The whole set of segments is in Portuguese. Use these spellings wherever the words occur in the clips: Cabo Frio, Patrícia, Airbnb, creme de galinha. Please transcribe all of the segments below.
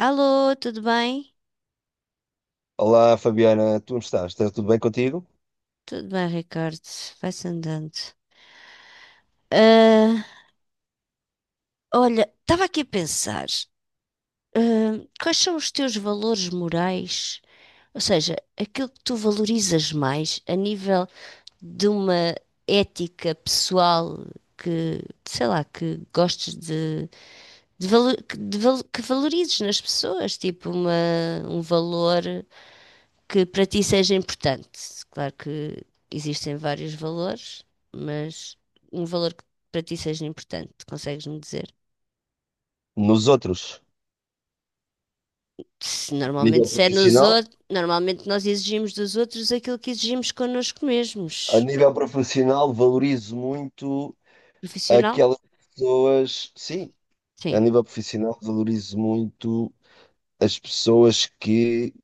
Alô, tudo bem? Olá, Fabiana, tu estás? Está tudo bem contigo? Tudo bem, Ricardo. Vai-se andando. Ah, olha, estava aqui a pensar, quais são os teus valores morais? Ou seja, aquilo que tu valorizas mais a nível de uma ética pessoal que, sei lá, que gostes que valorizes nas pessoas, tipo um valor que para ti seja importante. Claro que existem vários valores, mas um valor que para ti seja importante, consegues-me dizer? Nos outros, Se a normalmente nível se é nos profissional, outros, normalmente nós exigimos dos outros aquilo que exigimos connosco a mesmos. nível profissional valorizo muito Profissional? aquelas pessoas, sim, a Sim, nível profissional valorizo muito as pessoas que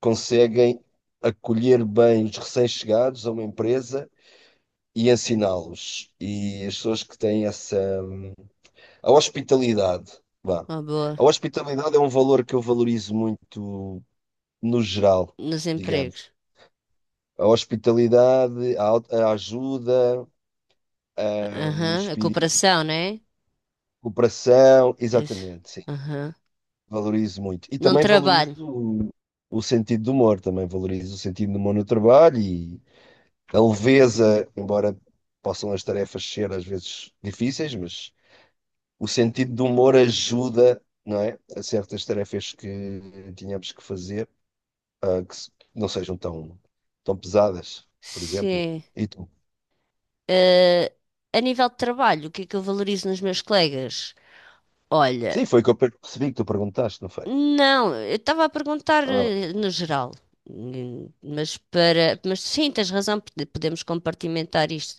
conseguem acolher bem os recém-chegados a uma empresa e ensiná-los. E as pessoas que têm essa a hospitalidade, vá. uma boa. A hospitalidade é um valor que eu valorizo muito no geral, Nos digamos. empregos. A hospitalidade, a ajuda, o Aham, a espírito de cooperação, não é? cooperação, Isso. exatamente, sim. Aham. Valorizo muito. E Num também trabalho. O sentido do humor, também valorizo o sentido do humor no trabalho e a leveza, embora possam as tarefas ser às vezes difíceis, mas o sentido do humor ajuda, não é, a certas tarefas que tínhamos que fazer, ah, que se- não sejam tão, tão pesadas, por exemplo. Sim. E tu? Eh, a nível de trabalho, o que é que eu valorizo nos meus colegas? Olha, Sim, foi o que eu percebi que tu perguntaste, não foi? não, eu estava a perguntar Ah. No geral. Mas mas sim, tens razão, podemos compartimentar isto.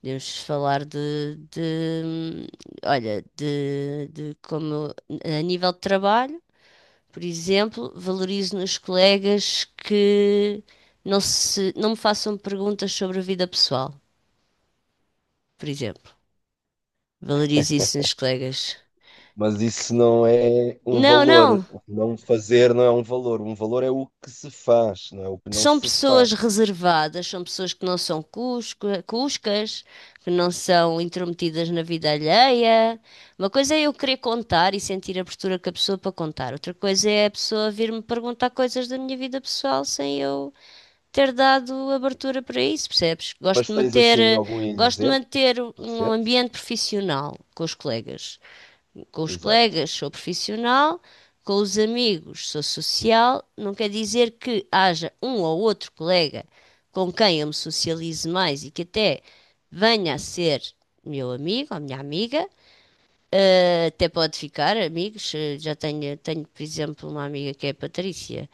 Podemos falar hum, olha, de como a nível de trabalho, por exemplo, valorizo nos colegas que não me façam perguntas sobre a vida pessoal, por exemplo. Valorizo isso nos colegas. Mas isso não é um Não, valor. não. Não fazer não é um valor. Um valor é o que se faz, não é o que não São se faz. pessoas reservadas, são pessoas que não são cuscas, que não são intrometidas na vida alheia. Uma coisa é eu querer contar e sentir a abertura que a pessoa para contar, outra coisa é a pessoa vir-me perguntar coisas da minha vida pessoal sem eu ter dado abertura para isso, percebes? Mas tens assim algum Gosto de exemplo manter um recente? ambiente profissional com os colegas. Com os Exato. colegas sou profissional, com os amigos sou social. Não quer dizer que haja um ou outro colega com quem eu me socialize mais e que até venha a ser meu amigo ou minha amiga. Até pode ficar amigos. Tenho, por exemplo, uma amiga que é a Patrícia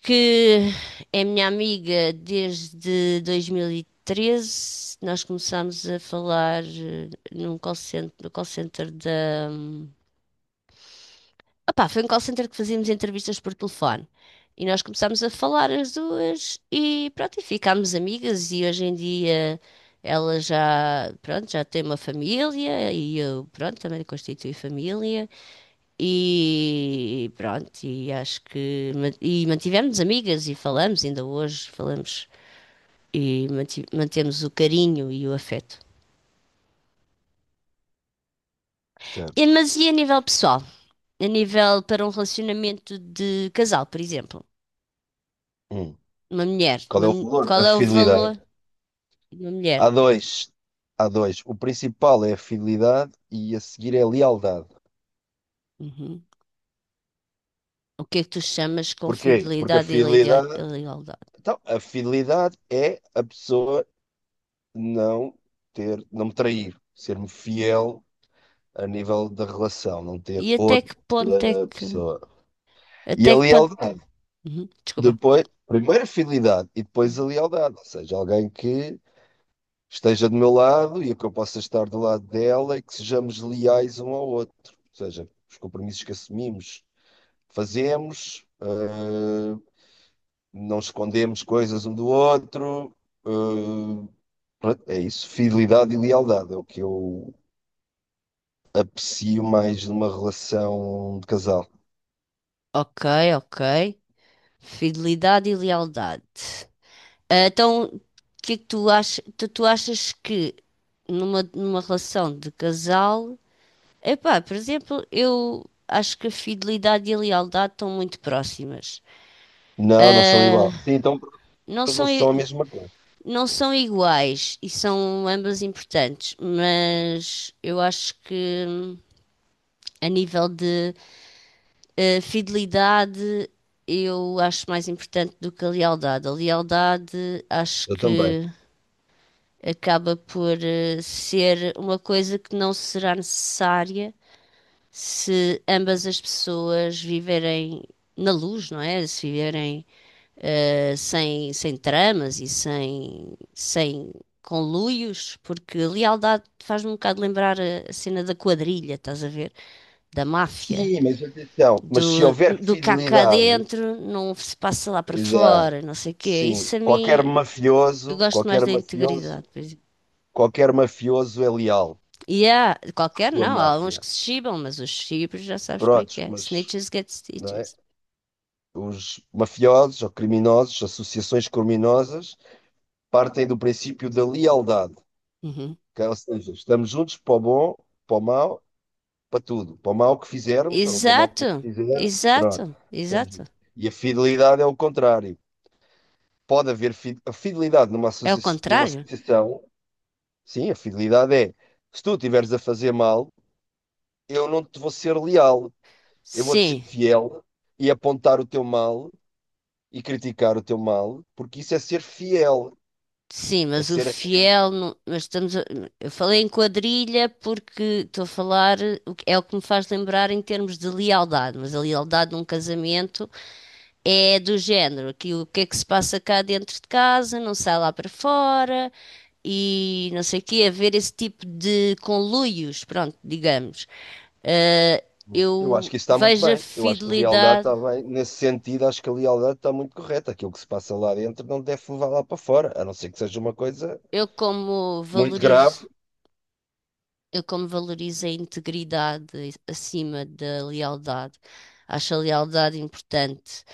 que é minha amiga desde 2013. Nós começámos a falar num call center, no call center da. Opá, foi um call center que fazíamos entrevistas por telefone. E nós começámos a falar as duas e pronto, e ficámos amigas e hoje em dia ela já, pronto, já tem uma família e eu, pronto, também constitui família. E pronto, e acho que mantivemos amigas e falamos, ainda hoje falamos e mantemos o carinho e o afeto. Certo. Mas e a nível pessoal? A nível para um relacionamento de casal, por exemplo, Hum. uma mulher, Qual é uma o mu- valor? A qual é o valor fidelidade. de uma mulher? Há dois. Há dois. O principal é a fidelidade e a seguir é a lealdade. Uhum. O que é que tu chamas com Porquê? Porque a fidelidade e fidelidade. Lealdade? Então, a fidelidade é a pessoa não ter, não me trair, ser-me fiel a nível da relação, não ter E até outra que ponto é que. pessoa. E a Até que ponto. lealdade. Uhum, desculpa. Depois, primeiro a fidelidade e depois a Uhum. lealdade, ou seja, alguém que esteja do meu lado e que eu possa estar do lado dela e que sejamos leais um ao outro. Ou seja, os compromissos que assumimos, fazemos, não escondemos coisas um do outro. uh, É isso, fidelidade e lealdade é o que eu aprecio mais numa relação de casal. Ok, ok. Fidelidade e lealdade. Ah, então, o que é que tu achas? Tu achas que numa relação de casal, epá, por exemplo, eu acho que a fidelidade e a lealdade estão muito próximas. Não, não são Ah, igual. Sim, então, não mas não são, são a mesma coisa. não são iguais e são ambas importantes, mas eu acho que a nível de fidelidade, eu acho mais importante do que a lealdade. A lealdade, acho Eu também. que acaba por ser uma coisa que não será necessária se ambas as pessoas viverem na luz, não é? Se viverem sem tramas sem conluios, porque a lealdade faz-me um bocado lembrar a cena da quadrilha, estás a ver? Da máfia. Sim, mas atenção, mas se houver Do cá cá fidelidade, dentro, não se passa lá para exato, fora, não sei o quê. sim, Isso a qualquer mim, eu mafioso, gosto mais qualquer da mafioso, integridade, por exemplo. qualquer mafioso é leal E há, à qualquer sua não, há alguns máfia. que se chibam, mas os chibos já sabes como é que Prontos, é. mas, Snitches get não é? stitches. Os mafiosos ou criminosos, associações criminosas, partem do princípio da lealdade, Uhum. que, ou seja, estamos juntos para o bom, para o mau, para tudo, para o mal que fizermos ou para o mal que Exato, nos fizer, pronto. exato, Estamos... exato. E a fidelidade é o contrário. Pode haver fi... É o associa... numa contrário? associação, sim, a fidelidade é se tu estiveres a fazer mal, eu não te vou ser leal, eu vou-te ser Sim, fiel e apontar o teu mal e criticar o teu mal, porque isso é ser fiel, sim, é mas o ser. fiel. Eu falei em quadrilha porque estou a falar, é o que me faz lembrar em termos de lealdade, mas a lealdade num casamento. É do género, que o que é que se passa cá dentro de casa, não sai lá para fora e não sei o quê, haver esse tipo de conluios, pronto, digamos. Eh, Eu acho eu que isso está muito vejo a bem. Eu acho que a lealdade fidelidade, está bem. Nesse sentido, acho que a lealdade está muito correta. Aquilo que se passa lá dentro não deve levar lá para fora, a não ser que seja uma coisa eu como muito grave. valorizo, eu como valorizo a integridade acima da lealdade. Acho a lealdade importante,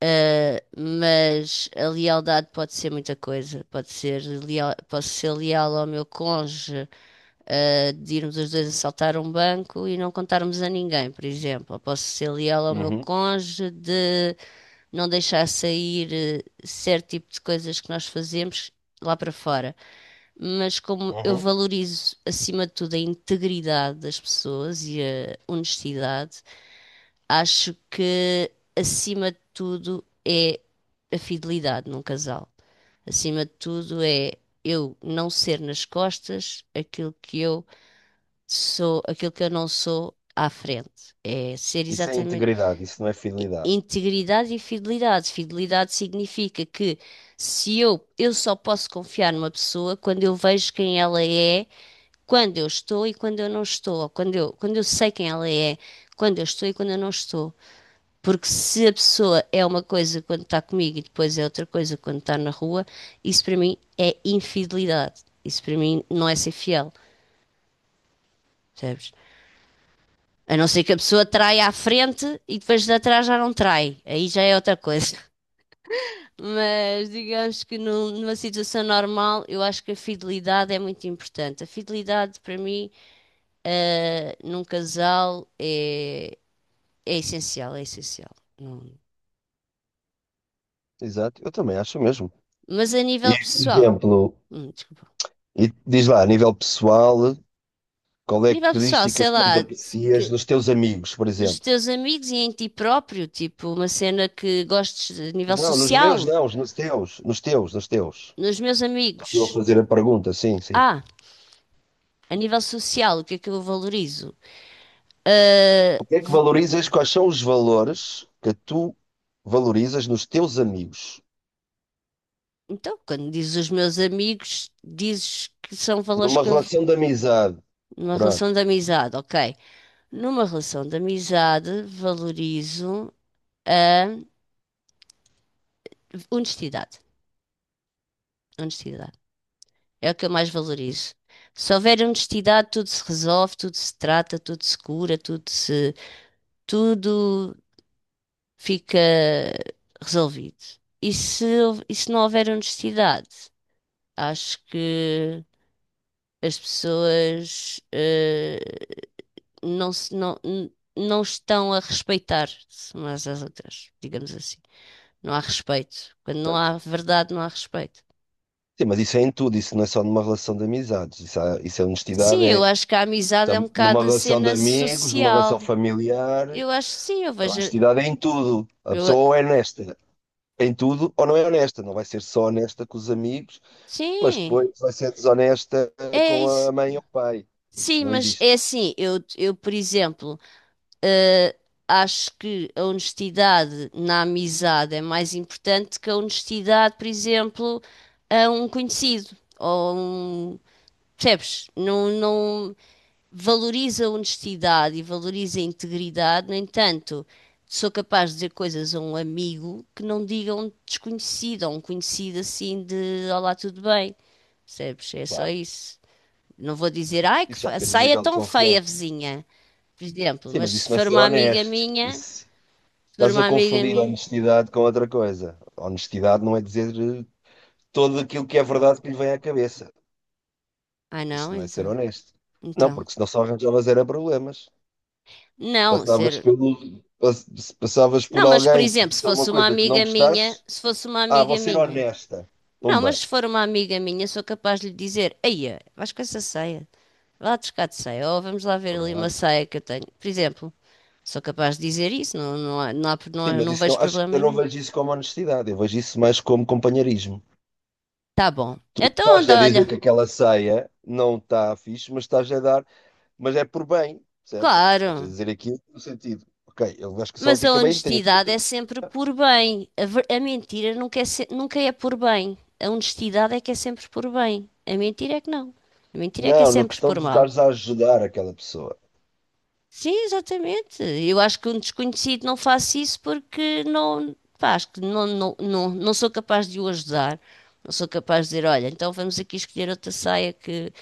mas a lealdade pode ser muita coisa. Pode ser leal, posso ser leal ao meu cônjuge, de irmos os dois assaltar um banco e não contarmos a ninguém, por exemplo. Eu posso ser leal ao meu Uhum, cônjuge de não deixar sair certo tipo de coisas que nós fazemos lá para fora. Mas como eu uhum. valorizo, acima de tudo, a integridade das pessoas e a honestidade, acho que, acima de tudo, é a fidelidade num casal. Acima de tudo, é eu não ser nas costas aquilo que eu sou aquilo que eu não sou à frente. É ser Isso é exatamente integridade, isso não é fidelidade. integridade e fidelidade. Fidelidade significa que se eu, eu só posso confiar numa pessoa quando eu vejo quem ela é, quando eu estou e quando eu não estou, ou quando eu sei quem ela é, quando eu estou e quando eu não estou. Porque se a pessoa é uma coisa quando está comigo e depois é outra coisa quando está na rua, isso para mim é infidelidade. Isso para mim não é ser fiel, percebes? A não ser que a pessoa trai à frente e depois de atrás já não trai. Aí já é outra coisa. Mas digamos que numa situação normal, eu acho que a fidelidade é muito importante. A fidelidade, para mim, num casal é, é essencial, é essencial. Não. Exato, eu também acho mesmo. Mas a E, nível por pessoal, exemplo, desculpa. e diz lá, a nível pessoal, qual A é a nível pessoal, característica sei que mais lá, aprecias que nos teus amigos, por nos exemplo? teus amigos e em ti próprio, tipo, uma cena que gostes a nível Não, nos meus social, não, nos teus, nos teus. nos meus Estou amigos. eu a fazer a pergunta, sim, sim. Ah. A nível social, o que é que eu valorizo? Ah, O que é que v- valorizas? Quais são os valores que tu valorizas nos teus amigos? então, quando dizes os meus amigos, dizes que são valores Numa que eu. relação de amizade. Numa relação Pronto. de amizade, ok. Numa relação de amizade, valorizo a honestidade. Honestidade. É o que eu mais valorizo. Se houver honestidade, tudo se resolve, tudo se trata, tudo se cura, tudo fica resolvido. E se não houver honestidade, acho que as pessoas eh, não se, não, n- não estão a respeitar-se umas às outras, digamos assim. Não há respeito. Quando não Certo. há verdade, não há respeito. Sim, mas isso é em tudo, isso não é só numa relação de amizades. Isso é Sim, honestidade, eu é acho que a amizade é um bocado numa a relação de cena amigos, numa social. relação familiar. Eu acho que sim, eu A vejo. honestidade é em tudo. A Eu, pessoa ou é honesta em tudo ou não é honesta. Não vai ser só honesta com os amigos, mas sim, depois vai ser desonesta é com isso. a mãe ou o pai. Isso Sim, não mas é existe. assim, por exemplo. Eh, Acho que a honestidade na amizade é mais importante que a honestidade, por exemplo, a um conhecido ou a um, percebes? Não, não valoriza a honestidade e valoriza a integridade. No entanto, sou capaz de dizer coisas a um amigo que não diga a um desconhecido, a um conhecido assim de olá, tudo bem, percebes? É só Claro. isso. Não vou dizer, ai, que Isso já depende do saia nível de tão feia, confiança. vizinha, por exemplo, Sim, mas mas se isso não é for ser uma amiga honesto. minha. Isso... Ser Estás a uma amiga confundir minha. honestidade com outra coisa. Honestidade não é dizer tudo aquilo que é verdade que lhe vem à cabeça. Ah, não, Isso não é ser então. honesto. Não, Então. porque senão só arranjavas era problemas. Não, Passavas ser. pelo, pass- Passavas Não, por mas por alguém que exemplo, se disse alguma fosse uma coisa que não amiga minha, gostasses. se fosse uma Ah, vou amiga ser minha. honesta. Não, mas Pumba. se for uma amiga minha, sou capaz de lhe dizer: Eia, vais com essa saia. Vai lá buscar de saia. Ou vamos lá ver ali uma Pronto. saia que eu tenho. Por exemplo, sou capaz de dizer isso. Sim, mas Não isso vejo não, acho, problema eu não nenhum. vejo isso como honestidade. Eu vejo isso mais como companheirismo. Tá bom. Então, Estás a anda, dizer olha. que aquela ceia não está fixe, mas estás a dar, mas é por bem, percebes? Estás a Claro. dizer aqui no sentido, ok, eu acho que se ela Mas a fica bem, tenho aqui honestidade outra é pessoa. sempre por bem. A mentira nunca é por bem. A honestidade é que é sempre por bem. A mentira é que não. A mentira é que é Não, na sempre questão por de mal. estares a ajudar aquela pessoa. Sim, exatamente. Eu acho que um desconhecido não faça isso porque não, pá, acho que não sou capaz de o ajudar. Não sou capaz de dizer, olha, então vamos aqui escolher outra saia que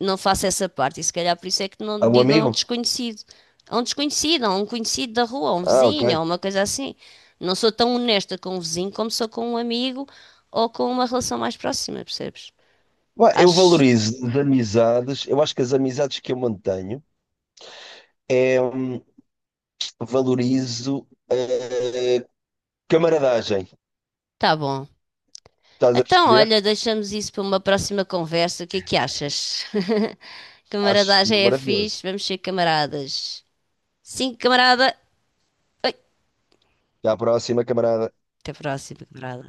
não faço essa parte. E se calhar por isso é que A não um digo a um amigo? desconhecido. A um desconhecido, a um conhecido da rua, a um Ah, ok. vizinho, a uma coisa assim. Não sou tão honesta com um vizinho como sou com um amigo ou com uma relação mais próxima, percebes? Bom, eu Acho. valorizo as amizades, eu acho que as amizades que eu mantenho é valorizo camaradagem. Tá bom. Estás a Então, perceber? olha, deixamos isso para uma próxima conversa. O que é que achas? Acho Camaradagem é fixe, maravilhoso. vamos ser camaradas. Sim, camarada. Oi, Até à próxima, camarada. até a próxima, camarada.